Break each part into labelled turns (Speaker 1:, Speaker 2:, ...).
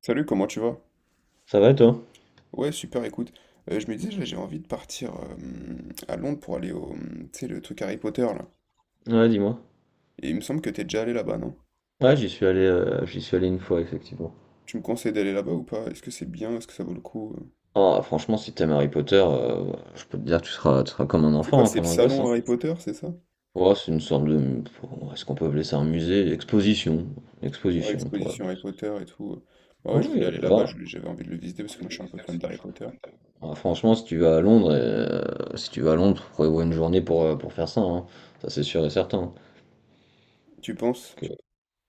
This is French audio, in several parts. Speaker 1: Salut, comment tu vas?
Speaker 2: Ça va et toi?
Speaker 1: Ouais, super, écoute. Je me disais, là, j'ai envie de partir à Londres pour aller au, tu sais, le truc Harry Potter, là.
Speaker 2: Ouais, dis-moi.
Speaker 1: Et il me semble que t'es déjà allé là-bas, non?
Speaker 2: Ouais, j'y suis allé une fois, effectivement.
Speaker 1: Tu me conseilles d'aller là-bas ou pas? Est-ce que c'est bien? Est-ce que ça vaut le coup?
Speaker 2: Ah, franchement, si t'aimes Harry Potter, je peux te dire tu seras comme un
Speaker 1: C'est quoi?
Speaker 2: enfant, hein,
Speaker 1: C'est le
Speaker 2: comme un gosse, hein.
Speaker 1: salon Harry Potter, c'est ça?
Speaker 2: Ouais, c'est une sorte de. Est-ce qu'on peut appeler ça un musée? Une exposition. Une
Speaker 1: Ouais,
Speaker 2: exposition, on pourrait
Speaker 1: l'exposition
Speaker 2: appeler
Speaker 1: Harry
Speaker 2: ça.
Speaker 1: Potter et tout. Bah ouais, je
Speaker 2: Oui,
Speaker 1: voulais aller là-bas, je
Speaker 2: va.
Speaker 1: j'avais envie de le visiter parce que moi, je suis un peu fan d'Harry Potter.
Speaker 2: Ah, franchement, si tu vas à Londres, si tu vas à Londres, tu prévois une journée pour faire ça, hein. Ça, c'est sûr et certain, hein.
Speaker 1: Tu
Speaker 2: Parce
Speaker 1: penses?
Speaker 2: que-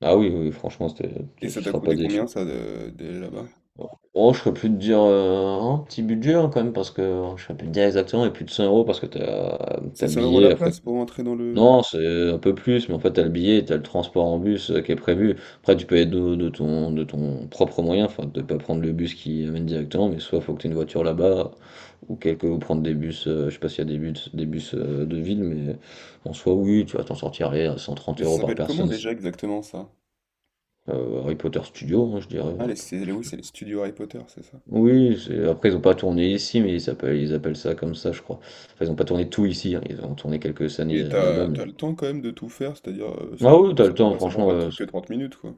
Speaker 2: Ah oui, oui, franchement, c'était-
Speaker 1: Et
Speaker 2: tu, tu
Speaker 1: ça t'a
Speaker 2: seras pas
Speaker 1: coûté combien,
Speaker 2: déçu.
Speaker 1: ça, d'aller là-bas?
Speaker 2: Oh, je serais plus de dire un petit budget, hein, quand même, parce que je serais plus de dire exactement, mais plus de 100 euros parce que t'as
Speaker 1: C'est
Speaker 2: t'as le
Speaker 1: 100 €
Speaker 2: billet.
Speaker 1: la
Speaker 2: Après,
Speaker 1: place pour entrer dans le.
Speaker 2: non, c'est un peu plus, mais en fait, t'as le billet, t'as le transport en bus qui est prévu. Après, tu peux être de ton, de ton propre moyen, enfin, de pas prendre le bus qui amène directement, mais soit faut que t'aies une voiture là-bas, ou quelque, ou prendre des bus, je sais pas s'il y a des bus de ville, mais en soi, oui, tu vas t'en sortir allez, à 130
Speaker 1: Mais ça
Speaker 2: euros par
Speaker 1: s'appelle comment
Speaker 2: personne.
Speaker 1: déjà exactement, ça?
Speaker 2: Harry Potter Studio, hein, je dirais,
Speaker 1: Ah, les,
Speaker 2: ouais.
Speaker 1: c'est, oui, c'est les studios Harry Potter, c'est ça?
Speaker 2: Oui, c'est- après ils ont pas tourné ici, mais ils appellent ça comme ça, je crois. Enfin, ils ont pas tourné tout ici, hein. Ils ont tourné quelques années
Speaker 1: Mais
Speaker 2: là-bas,
Speaker 1: t'as
Speaker 2: mais.
Speaker 1: le temps quand même de tout faire, c'est-à-dire, ça
Speaker 2: Ah oui, t'as
Speaker 1: ça
Speaker 2: le
Speaker 1: prend
Speaker 2: temps,
Speaker 1: pas
Speaker 2: franchement.
Speaker 1: trop que 30 minutes, quoi?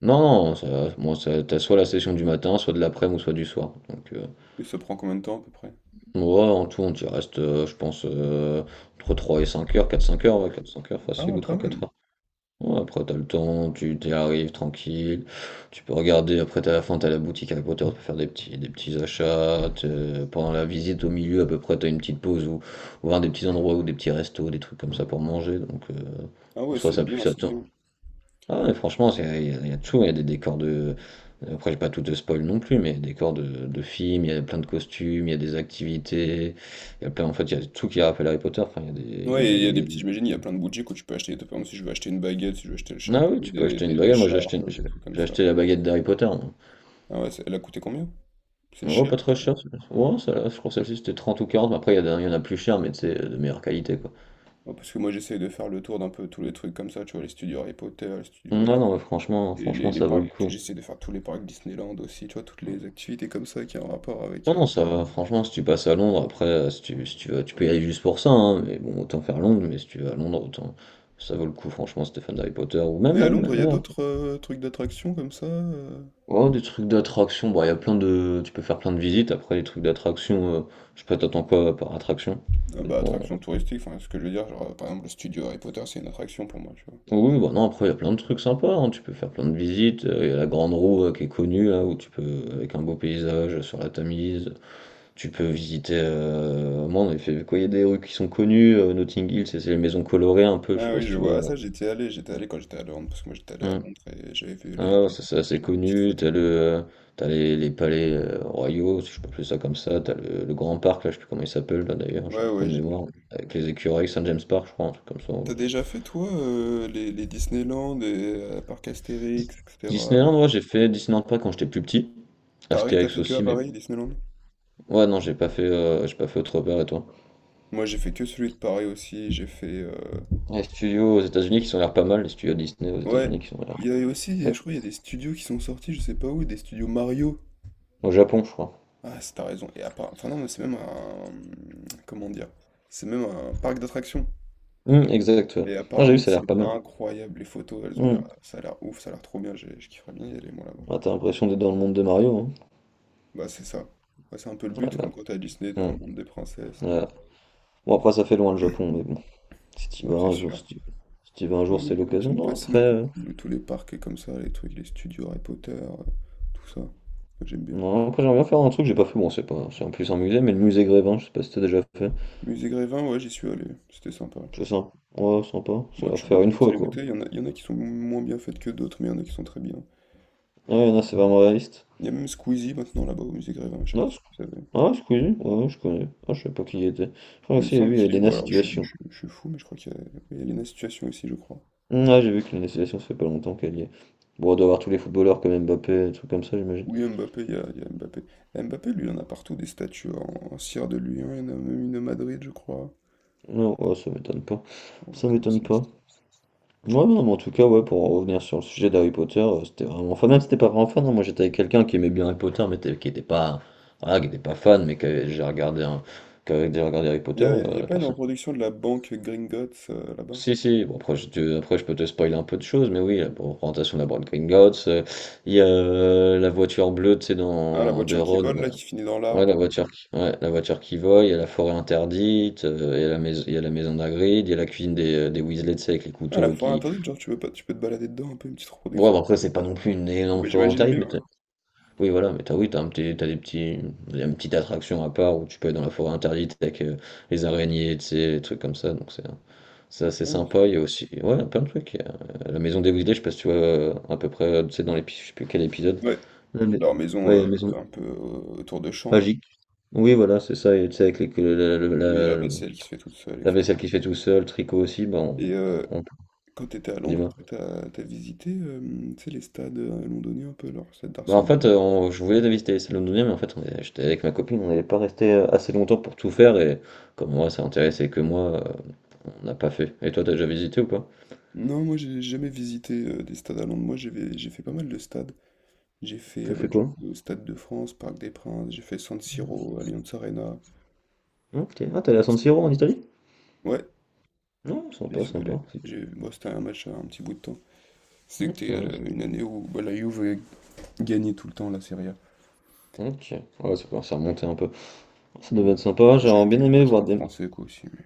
Speaker 2: Non, non, ça, moi, ça, t'as soit la session du matin, soit de l'après-midi ou soit du soir. Donc,
Speaker 1: Et ça prend combien de temps à peu près?
Speaker 2: ouais, en tout, on y reste, je pense, entre 3 et 5 heures, 4-5 heures, ouais, 4-5 heures
Speaker 1: Ah
Speaker 2: facile ou
Speaker 1: ouais, quand
Speaker 2: trois-quatre
Speaker 1: même!
Speaker 2: heures. Ouais, après, t'as le temps, tu t'y arrives tranquille. Tu peux regarder, après, t'as la fin, t'as la boutique Harry Potter, tu peux faire des petits achats. T'es- Pendant la visite au milieu, à peu près, t'as une petite pause ou voir des petits endroits ou des petits restos, des trucs comme ça pour manger. Donc,
Speaker 1: Ah
Speaker 2: en
Speaker 1: ouais,
Speaker 2: soi,
Speaker 1: c'est
Speaker 2: ça pue,
Speaker 1: bien,
Speaker 2: ça
Speaker 1: c'est
Speaker 2: tend.
Speaker 1: bien.
Speaker 2: Ah, mais franchement, c'est- il y a de tout. Il y a des décors de. Après, j'ai pas tout de spoil non plus, mais il y a des décors de films, il y a plein de costumes, il y a des activités. Il y a plein, en fait, il y a tout qui rappelle Harry Potter. Enfin, il y a des. Il y a
Speaker 1: Ouais,
Speaker 2: des,
Speaker 1: et il y a
Speaker 2: il
Speaker 1: des petits, j'imagine, il y
Speaker 2: y a
Speaker 1: a
Speaker 2: des...
Speaker 1: plein de boutiques où tu peux acheter, par exemple, si je veux acheter une baguette, si je veux acheter le
Speaker 2: Ah
Speaker 1: chapeau,
Speaker 2: oui, tu peux
Speaker 1: des
Speaker 2: acheter une
Speaker 1: des des
Speaker 2: baguette. Moi, j'ai acheté,
Speaker 1: écharpes,
Speaker 2: une-
Speaker 1: des
Speaker 2: j'ai
Speaker 1: trucs comme
Speaker 2: j'ai
Speaker 1: ça.
Speaker 2: acheté la baguette d'Harry Potter, moi.
Speaker 1: Ah ouais, c'est, elle a coûté combien? C'est
Speaker 2: Oh,
Speaker 1: cher?
Speaker 2: pas trop cher, celle-là. Ouais, celle-là, je crois que celle-ci c'était 30 ou 40. Mais après, il y en a plus cher, mais c'est de meilleure qualité, quoi.
Speaker 1: Ouais, parce que moi j'essaye de faire le tour d'un peu tous les trucs comme ça, tu vois? Les studios Harry Potter, les studios,
Speaker 2: Non, non, mais franchement,
Speaker 1: les
Speaker 2: franchement, ça vaut
Speaker 1: parcs
Speaker 2: le coup.
Speaker 1: j'essaie de faire tous les parcs Disneyland aussi, tu vois? Toutes les activités comme ça qui ont un rapport avec,
Speaker 2: Non, non, ça va. Franchement, si tu passes à Londres, après, si tu vas, tu peux y aller juste pour ça, hein, mais bon, autant faire Londres. Mais si tu vas à Londres, autant. Ça vaut le coup, franchement, si t'es d'Harry Potter. Ou même,
Speaker 1: Et à
Speaker 2: même,
Speaker 1: Londres, il y a
Speaker 2: même après.
Speaker 1: d'autres, trucs d'attractions comme ça,
Speaker 2: Oh, des trucs d'attraction. Bon, il y a plein de. Tu peux faire plein de visites. Après, les trucs d'attraction, je sais pas, t'attends quoi par attraction.
Speaker 1: Ah
Speaker 2: Ça
Speaker 1: bah,
Speaker 2: dépend.
Speaker 1: attraction touristique, enfin, ce que je veux dire, genre, par exemple, le studio Harry Potter, c'est une attraction pour moi, tu vois.
Speaker 2: Oui, bah non, après, il y a plein de trucs sympas, hein. Tu peux faire plein de visites. Il y a la Grande Roue qui est connue, là, où tu peux, avec un beau paysage sur la Tamise, tu peux visiter. Moi, on avait fait quoi? Il y a des rues qui sont connues. Notting Hill, c'est les maisons colorées un peu, je sais
Speaker 1: Ah
Speaker 2: pas
Speaker 1: oui,
Speaker 2: si
Speaker 1: je
Speaker 2: tu
Speaker 1: vois. Ah,
Speaker 2: vois.
Speaker 1: ça, j'étais allé quand j'étais à Londres, parce que moi, j'étais allé à
Speaker 2: Hmm.
Speaker 1: Londres et j'avais vu les,
Speaker 2: Ah, ouais,
Speaker 1: les-
Speaker 2: ça, c'est
Speaker 1: les
Speaker 2: assez
Speaker 1: petites
Speaker 2: connu.
Speaker 1: photos.
Speaker 2: T'as les palais royaux, si je peux appeler ça comme ça. T'as le grand parc, là, je sais plus comment il s'appelle, là, d'ailleurs, j'ai
Speaker 1: Ouais,
Speaker 2: trop
Speaker 1: ouais,
Speaker 2: de
Speaker 1: j'ai mis.
Speaker 2: mémoire. Avec les écureuils, Saint James Park, je crois, un truc comme
Speaker 1: T'as
Speaker 2: ça.
Speaker 1: déjà fait, toi, les Disneyland et parcs
Speaker 2: Dis-
Speaker 1: Astérix, etc.
Speaker 2: Disneyland, ouais, j'ai fait Disneyland Paris quand j'étais plus petit.
Speaker 1: Paris, t'as
Speaker 2: Astérix
Speaker 1: fait que à
Speaker 2: aussi, mais
Speaker 1: Paris, Disneyland?
Speaker 2: ouais, non, j'ai pas fait autre part, et toi?
Speaker 1: Moi, j'ai fait que celui de Paris aussi, j'ai fait...
Speaker 2: Les studios aux États-Unis qui sont l'air pas mal, les studios Disney aux
Speaker 1: Ouais,
Speaker 2: États-Unis qui sont l'air.
Speaker 1: il y a aussi,
Speaker 2: Ouais.
Speaker 1: je crois, il y a des studios qui sont sortis, je sais pas où, des studios Mario.
Speaker 2: Au Japon, je crois.
Speaker 1: Ah, t'as raison. Et enfin, non, mais c'est même un. Comment dire? C'est même un parc d'attractions.
Speaker 2: Exact, ouais.
Speaker 1: Et
Speaker 2: Non, j'ai vu,
Speaker 1: apparemment,
Speaker 2: ça a l'air
Speaker 1: c'est
Speaker 2: pas mal.
Speaker 1: incroyable. Les photos, elles ont l'air.
Speaker 2: Hum.
Speaker 1: Ça a l'air ouf, ça a l'air trop bien. Je kifferais bien y aller, moi, là-bas.
Speaker 2: Ah, t'as l'impression d'être dans le monde de Mario, hein.
Speaker 1: Bah, c'est ça. Bah, c'est un peu le
Speaker 2: Ah,
Speaker 1: but, comme
Speaker 2: merde.
Speaker 1: quand t'es à Disney, t'es dans le
Speaker 2: Hum,
Speaker 1: monde des princesses.
Speaker 2: ouais.
Speaker 1: des-
Speaker 2: Bon, après, ça fait loin le Japon, mais bon. Si t'y
Speaker 1: Ouais,
Speaker 2: vas
Speaker 1: c'est
Speaker 2: un jour,
Speaker 1: sûr.
Speaker 2: si t'y vas un
Speaker 1: Ouais,
Speaker 2: jour,
Speaker 1: moi,
Speaker 2: c'est
Speaker 1: ça
Speaker 2: l'occasion.
Speaker 1: me
Speaker 2: Non,
Speaker 1: fascine
Speaker 2: après,
Speaker 1: un peu. Tous les parcs et comme ça, les trucs, les studios Harry Potter, tout ça. Moi, j'aime bien.
Speaker 2: non, après, j'aimerais bien faire un truc que j'ai pas fait. Bon, c'est pas, c'est en plus un musée, mais le musée Grévin, je sais pas si t'as déjà fait.
Speaker 1: Musée Grévin, ouais, j'y suis allé. C'était sympa.
Speaker 2: C'est sympa. Ouais, sympa. C'est
Speaker 1: Bon,
Speaker 2: à
Speaker 1: tu vois
Speaker 2: faire une
Speaker 1: plein de
Speaker 2: fois, quoi.
Speaker 1: célébrités. Il y en a qui sont moins bien faites que d'autres, mais il y en a qui sont très bien.
Speaker 2: Ouais, non, c'est vraiment réaliste.
Speaker 1: Il y a même Squeezie maintenant là-bas au musée Grévin, je sais pas
Speaker 2: Non,
Speaker 1: si tu savais.
Speaker 2: Ah, Squeezie, ouais, je connais. Ah, je savais pas qui il était. Je crois
Speaker 1: Il me
Speaker 2: aussi, j'ai
Speaker 1: semble
Speaker 2: vu, il y
Speaker 1: qu'il est
Speaker 2: avait
Speaker 1: où,
Speaker 2: Elena
Speaker 1: alors je, suis je
Speaker 2: Situation.
Speaker 1: suis- je suis fou, mais je crois qu'il y a Elena Situation aussi, je crois.
Speaker 2: Ah, j'ai vu que Elena Situation, ça fait pas longtemps qu'elle y est. Bon, on doit avoir tous les footballeurs comme Mbappé, des trucs comme ça, j'imagine.
Speaker 1: Oui, Mbappé, il y a Mbappé. Et Mbappé, lui, il en a partout des statues en cire de lui, hein, il y en a même une à Madrid, je crois.
Speaker 2: Non, ouais, ça m'étonne pas.
Speaker 1: Oh, mais
Speaker 2: Ça
Speaker 1: comment,
Speaker 2: m'étonne
Speaker 1: c'est une
Speaker 2: pas.
Speaker 1: statue.
Speaker 2: Ouais, non, mais en tout cas, ouais, pour en revenir sur le sujet d'Harry Potter, c'était vraiment. Enfin, même si t'étais pas vraiment fan, hein, moi j'étais avec quelqu'un qui aimait bien Harry Potter, mais t'es- qui était pas. Voilà, qui était pas fan, mais qui avait déjà regardé, un- qui avait déjà regardé Harry
Speaker 1: Il
Speaker 2: Potter,
Speaker 1: y a, il y a
Speaker 2: la
Speaker 1: pas une
Speaker 2: personne.
Speaker 1: reproduction de la banque Gringotts là-bas?
Speaker 2: Si, si, bon, après, après, je peux te spoiler un peu de choses, mais oui, la représentation de la Bride Gringotts, il y a la voiture bleue, tu sais,
Speaker 1: Ah, la
Speaker 2: dans de
Speaker 1: voiture qui
Speaker 2: Ron,
Speaker 1: vole là,
Speaker 2: là.
Speaker 1: qui finit dans
Speaker 2: Ouais, la
Speaker 1: l'arbre.
Speaker 2: voiture, qui- ouais, la voiture qui vole, il y a la forêt interdite, il y a la maison, il y a la maison d'Hagrid, il y a la cuisine des Weasley, tu sais, avec les
Speaker 1: Ah, la
Speaker 2: couteaux
Speaker 1: forêt
Speaker 2: qui...
Speaker 1: interdite, genre, tu peux pas, tu peux te balader dedans un peu, une petite
Speaker 2: Bon,
Speaker 1: reproduction.
Speaker 2: bah, après, c'est pas non plus une énorme
Speaker 1: Bah,
Speaker 2: forêt
Speaker 1: j'imagine
Speaker 2: interdite,
Speaker 1: bien,
Speaker 2: mais t'as-
Speaker 1: ouais.
Speaker 2: oui, voilà, mais t'as, oui, t'as un petit, t'as des petits, une petite attraction à part où tu peux aller dans la forêt interdite avec les araignées, tu sais, les trucs comme ça, donc c'est... C'est assez
Speaker 1: Ah ouais, c'est
Speaker 2: sympa, il y
Speaker 1: sympa.
Speaker 2: a aussi ouais, plein de trucs. Il y a, la maison des Weasley, je sais pas si tu vois à peu près, tu sais, dans l'épisode, je sais plus quel épisode.
Speaker 1: Ouais,
Speaker 2: La mais-
Speaker 1: leur maison
Speaker 2: Ouais, la maison
Speaker 1: un peu autour de champs, là.
Speaker 2: magique. Oui, voilà, c'est ça. Et tu sais, avec les- que la,
Speaker 1: Oui, la
Speaker 2: la- la-
Speaker 1: vaisselle qui se fait toute seule,
Speaker 2: la vaisselle
Speaker 1: etc.
Speaker 2: qui se fait tout seul, le tricot aussi, bah, on,
Speaker 1: Et
Speaker 2: on-
Speaker 1: quand tu étais à Londres,
Speaker 2: dis-moi.
Speaker 1: toi, t'as visité tu sais, les stades londoniens un peu, alors stade
Speaker 2: Bah, en
Speaker 1: d'Arsenal.
Speaker 2: fait, je voulais visiter celle londonienne, mais en fait, j'étais avec ma copine, on n'allait pas rester assez longtemps pour tout faire, et comme moi, ça intéressait que moi, on n'a pas fait. Et toi, t'as déjà visité ou pas?
Speaker 1: Non, moi j'ai jamais visité des stades à Londres. Moi j'ai fait pas mal de stades. J'ai fait
Speaker 2: T'as
Speaker 1: bah,
Speaker 2: fait
Speaker 1: du coup,
Speaker 2: quoi?
Speaker 1: le Stade de France, Parc des Princes, j'ai fait San Siro, Allianz Arena.
Speaker 2: Ok. Ah, t'es allé à San Siro en Italie?
Speaker 1: Ouais,
Speaker 2: Non,
Speaker 1: j'y
Speaker 2: sympa,
Speaker 1: suis
Speaker 2: sympa.
Speaker 1: allé. Bon, c'était un match un petit bout de temps.
Speaker 2: Ok,
Speaker 1: C'était une année où bah, la Juve gagnait tout le temps la Serie A.
Speaker 2: ok, ouais, ça commence à remonter un peu. Ça devait
Speaker 1: Ouais.
Speaker 2: être sympa,
Speaker 1: J'ai
Speaker 2: j'aurais
Speaker 1: fait
Speaker 2: bien aimé
Speaker 1: quelques
Speaker 2: voir
Speaker 1: stades
Speaker 2: des.
Speaker 1: français, quoi, aussi, mais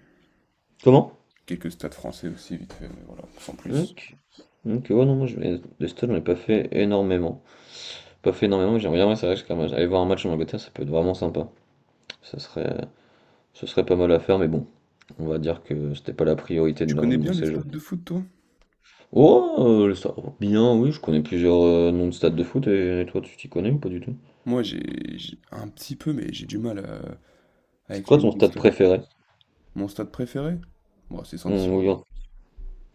Speaker 2: Comment?
Speaker 1: quelques stades français aussi, vite fait, mais voilà, sans plus.
Speaker 2: Donc, donc ouais, non, moi, des stats, j'en ai pas fait énormément. Pas fait énormément, mais j'aimerais bien, ouais, c'est vrai que c'est quand même- aller voir un match en Angleterre, ça peut être vraiment sympa. Ça serait... Ce serait pas mal à faire, mais bon, on va dire que c'était pas la priorité de,
Speaker 1: Tu
Speaker 2: leur- de
Speaker 1: connais
Speaker 2: mon
Speaker 1: bien les
Speaker 2: séjour.
Speaker 1: stades de foot, toi?
Speaker 2: Oh, bien, oui, je connais plusieurs noms de stades de foot, et toi, tu t'y connais ou pas du tout?
Speaker 1: Moi, un petit peu, mais j'ai du mal
Speaker 2: C'est
Speaker 1: avec
Speaker 2: quoi
Speaker 1: les noms
Speaker 2: ton
Speaker 1: de
Speaker 2: stade
Speaker 1: stades.
Speaker 2: préféré?
Speaker 1: Mon stade préféré? Bon, c'est San Siro.
Speaker 2: Oui, hein.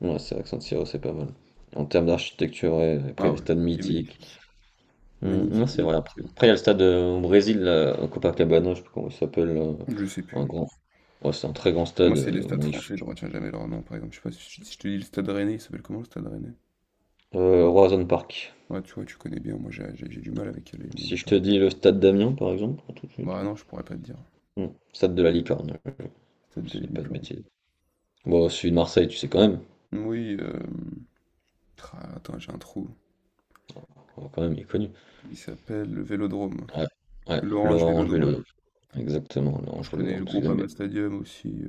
Speaker 2: Ouais, c'est vrai que San Siro, c'est pas mal. En termes d'architecture, ouais, après
Speaker 1: Ah
Speaker 2: les
Speaker 1: ouais,
Speaker 2: stades
Speaker 1: il est
Speaker 2: mythiques.
Speaker 1: magnifique.
Speaker 2: Mm, non,
Speaker 1: Magnifique,
Speaker 2: c'est vrai. Après,
Speaker 1: mythique.
Speaker 2: après, il y a le stade au Brésil, là, à Copacabana, je sais pas comment il s'appelle.
Speaker 1: Je sais
Speaker 2: Un
Speaker 1: plus.
Speaker 2: grand... ouais, c'est un très grand
Speaker 1: Moi,
Speaker 2: stade.
Speaker 1: c'est les stades français, je retiens jamais leur nom, par exemple. Je sais pas si je te dis le stade Rennais, il s'appelle comment le stade Rennais?
Speaker 2: Horizon Park.
Speaker 1: Ouais, tu vois, tu connais bien. Moi, j'ai du mal avec les noms de
Speaker 2: Si je te
Speaker 1: stades.
Speaker 2: dis le stade d'Amiens, par exemple, tout de suite.
Speaker 1: Bah non, je pourrais pas te dire.
Speaker 2: Mm, Stade de la Licorne,
Speaker 1: Stade
Speaker 2: si je
Speaker 1: de
Speaker 2: dis pas de
Speaker 1: licorne.
Speaker 2: bêtises. Bon, celui de Marseille, tu sais quand même.
Speaker 1: Oui. Attends, j'ai un trou.
Speaker 2: Oh, quand même, il est connu.
Speaker 1: Il s'appelle le Vélodrome.
Speaker 2: Ouais, ouais,
Speaker 1: L'Orange
Speaker 2: l'Orange
Speaker 1: Vélodrome.
Speaker 2: Vélodrome. Exactement,
Speaker 1: Moi,
Speaker 2: l'Orange
Speaker 1: je connais
Speaker 2: Vélodrome.
Speaker 1: le
Speaker 2: Parce qu'ils
Speaker 1: groupe
Speaker 2: aiment bien.
Speaker 1: Ama Stadium aussi.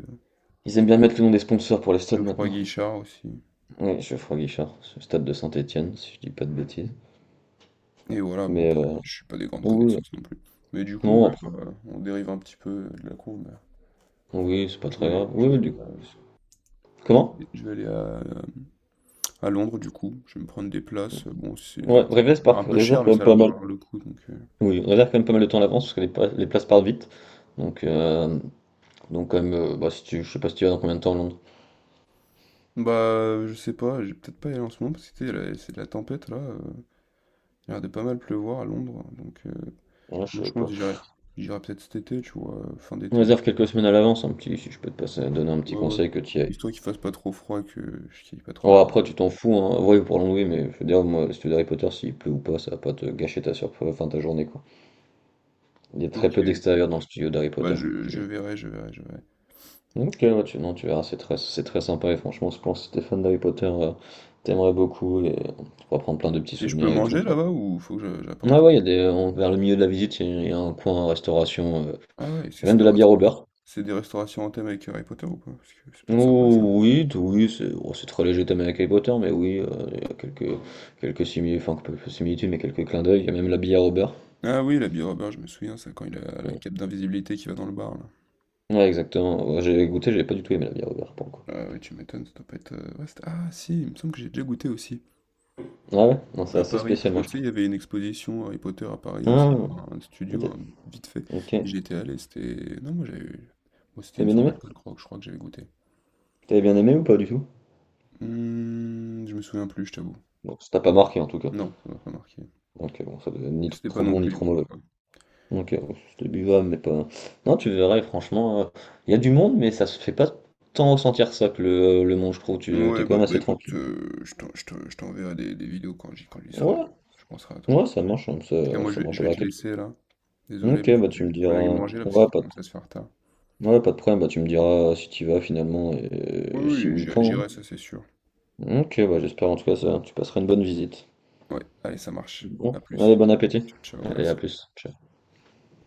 Speaker 2: Ils aiment bien mettre le nom des sponsors pour les stades
Speaker 1: Geoffroy
Speaker 2: maintenant.
Speaker 1: Guichard aussi.
Speaker 2: Oui, Geoffroy Guichard, ce stade de Saint-Étienne, si je dis pas de bêtises.
Speaker 1: Et voilà, bon
Speaker 2: Mais
Speaker 1: après, je suis pas des grandes
Speaker 2: oui, oui.
Speaker 1: connaissances non plus. Mais du coup, ouais,
Speaker 2: Non,
Speaker 1: bah, on dérive un petit peu de la courbe.
Speaker 2: oui, c'est pas
Speaker 1: Mais
Speaker 2: très grave. Oui, oui, du... Comment?
Speaker 1: je vais aller à Londres, du coup. Je vais me prendre des places. Bon,
Speaker 2: Ouais,
Speaker 1: ça
Speaker 2: réserve,
Speaker 1: a l'air
Speaker 2: par...
Speaker 1: un peu
Speaker 2: réserve
Speaker 1: cher,
Speaker 2: quand
Speaker 1: mais ça
Speaker 2: même
Speaker 1: a
Speaker 2: pas
Speaker 1: l'air de
Speaker 2: mal.
Speaker 1: valoir le coup. Donc.
Speaker 2: Oui, réserve quand même pas mal de temps à l'avance parce que les, pla- les places partent vite. Donc, euh, donc quand même, bah, si tu... je sais pas si tu vas dans combien de temps à Londres.
Speaker 1: Bah, je sais pas, je vais peut-être pas y aller en ce moment, parce que tu sais, c'est de la tempête là. Il a l'air de pas mal pleuvoir à Londres. Donc,
Speaker 2: Ouais, je
Speaker 1: moi,
Speaker 2: sais
Speaker 1: je pense
Speaker 2: pas.
Speaker 1: que j'irai, peut-être cet été, tu vois, fin
Speaker 2: On
Speaker 1: d'été.
Speaker 2: réserve quelques semaines à l'avance, un petit, si je peux te passer, donner un petit
Speaker 1: Ouais, ouais.
Speaker 2: conseil que tu y ailles.
Speaker 1: Histoire qu'il fasse pas trop froid et que je kiffe pas trop
Speaker 2: Oh,
Speaker 1: là-bas.
Speaker 2: après, tu t'en fous, hein. Oui, pour Londres, oui, mais je veux dire, moi, le studio d'Harry Potter, s'il pleut ou pas, ça va pas te gâcher ta surprise, enfin ta journée, quoi. Il y a très peu
Speaker 1: Ok.
Speaker 2: d'extérieur dans le studio d'Harry
Speaker 1: Bah,
Speaker 2: Potter.
Speaker 1: je je
Speaker 2: Tu...
Speaker 1: verrai, je verrai, je verrai.
Speaker 2: Ok, ouais, tu, non, tu verras, c'est très sympa et franchement, je pense que si t'es fan d'Harry Potter, t'aimerais beaucoup et tu pourras prendre plein de petits
Speaker 1: Et je peux
Speaker 2: souvenirs et tout,
Speaker 1: manger
Speaker 2: quoi.
Speaker 1: là-bas ou faut que je
Speaker 2: Ah
Speaker 1: j'apporte?
Speaker 2: ouais, il y a des, en- vers le milieu de la visite, il y a un coin restauration,
Speaker 1: Ah ouais, c'est
Speaker 2: et
Speaker 1: c'est
Speaker 2: même
Speaker 1: des
Speaker 2: de la
Speaker 1: res-
Speaker 2: bière au beurre.
Speaker 1: c'est des restaurations en thème avec Harry Potter ou pas? Parce que ça peut être sympa, ça.
Speaker 2: Oh, oui, oui, c'est oh, c'est très léger, t'aimes avec Harry Potter, mais oui, il y a quelques, quelques simili- enfin, quelques similitudes, mais quelques clins d'œil, il y a même la bière au beurre.
Speaker 1: Ah oui, l'habit Robert, je me souviens, ça quand il a la
Speaker 2: Mm.
Speaker 1: cape d'invisibilité qui va dans le bar là.
Speaker 2: Ouais, exactement. Ouais, j'ai goûté, j'ai pas du tout aimé la bière au beurre, pour le coup.
Speaker 1: Ah ouais, tu m'étonnes, ça doit pas être. Ouais, ah si, il me semble que j'ai déjà goûté aussi.
Speaker 2: Ah ouais, non, c'est
Speaker 1: À
Speaker 2: assez
Speaker 1: Paris, parce
Speaker 2: spécial,
Speaker 1: que
Speaker 2: moi,
Speaker 1: tu
Speaker 2: je
Speaker 1: sais,
Speaker 2: trouve.
Speaker 1: il y avait une exposition Harry Potter à Paris
Speaker 2: Ah,
Speaker 1: aussi, enfin, un studio, hein,
Speaker 2: t'as-
Speaker 1: vite fait.
Speaker 2: ok,
Speaker 1: J'étais allé, c'était. Non, moi j'avais eu. Moi, c'était
Speaker 2: t'as
Speaker 1: une
Speaker 2: bien
Speaker 1: sorte
Speaker 2: aimé?
Speaker 1: d'alcool croque, je crois, que j'avais goûté.
Speaker 2: T'avais bien aimé ou pas du tout?
Speaker 1: Je me souviens plus, je t'avoue.
Speaker 2: Bon, ça t'a pas marqué en tout cas.
Speaker 1: Non, ça m'a pas marqué.
Speaker 2: Donc bon, ça devait être ni
Speaker 1: C'était pas
Speaker 2: trop
Speaker 1: non
Speaker 2: bon ni
Speaker 1: plus
Speaker 2: trop
Speaker 1: immonde,
Speaker 2: mauvais.
Speaker 1: quoi.
Speaker 2: Donc c'était buvable, mais pas. Non, tu verrais, franchement, il y a du monde, mais ça se fait pas tant ressentir ça que le monde, je trouve. Tu t'es
Speaker 1: Ouais,
Speaker 2: quand
Speaker 1: bah,
Speaker 2: même
Speaker 1: bah
Speaker 2: assez
Speaker 1: écoute,
Speaker 2: tranquille.
Speaker 1: je t'enverrai des vidéos quand j'y serai.
Speaker 2: Ouais,
Speaker 1: Je penserai à toi.
Speaker 2: ouais, ça
Speaker 1: En tout
Speaker 2: marche, hein,
Speaker 1: cas,
Speaker 2: ça,
Speaker 1: moi,
Speaker 2: ça
Speaker 1: je vais,
Speaker 2: me
Speaker 1: je vais
Speaker 2: rappellera
Speaker 1: te
Speaker 2: quelque
Speaker 1: laisser là.
Speaker 2: chose.
Speaker 1: Désolé, mais
Speaker 2: Ok,
Speaker 1: faut
Speaker 2: bah
Speaker 1: que j'aille
Speaker 2: tu me
Speaker 1: faut que j'aille
Speaker 2: diras.
Speaker 1: manger là parce qu'il commence à se faire tard.
Speaker 2: Ouais, pas de problème, bah tu me diras si tu vas finalement
Speaker 1: Oui,
Speaker 2: et si
Speaker 1: oui,
Speaker 2: oui,
Speaker 1: j'irai,
Speaker 2: quand.
Speaker 1: j'irai, ça c'est sûr.
Speaker 2: Hein. Ok, bah j'espère en tout cas ça. Tu passeras une bonne visite.
Speaker 1: Ouais, allez, ça marche.
Speaker 2: Bon,
Speaker 1: À
Speaker 2: allez,
Speaker 1: plus.
Speaker 2: bon appétit.
Speaker 1: Ciao, ciao,
Speaker 2: Allez, à
Speaker 1: merci.
Speaker 2: plus. Ciao.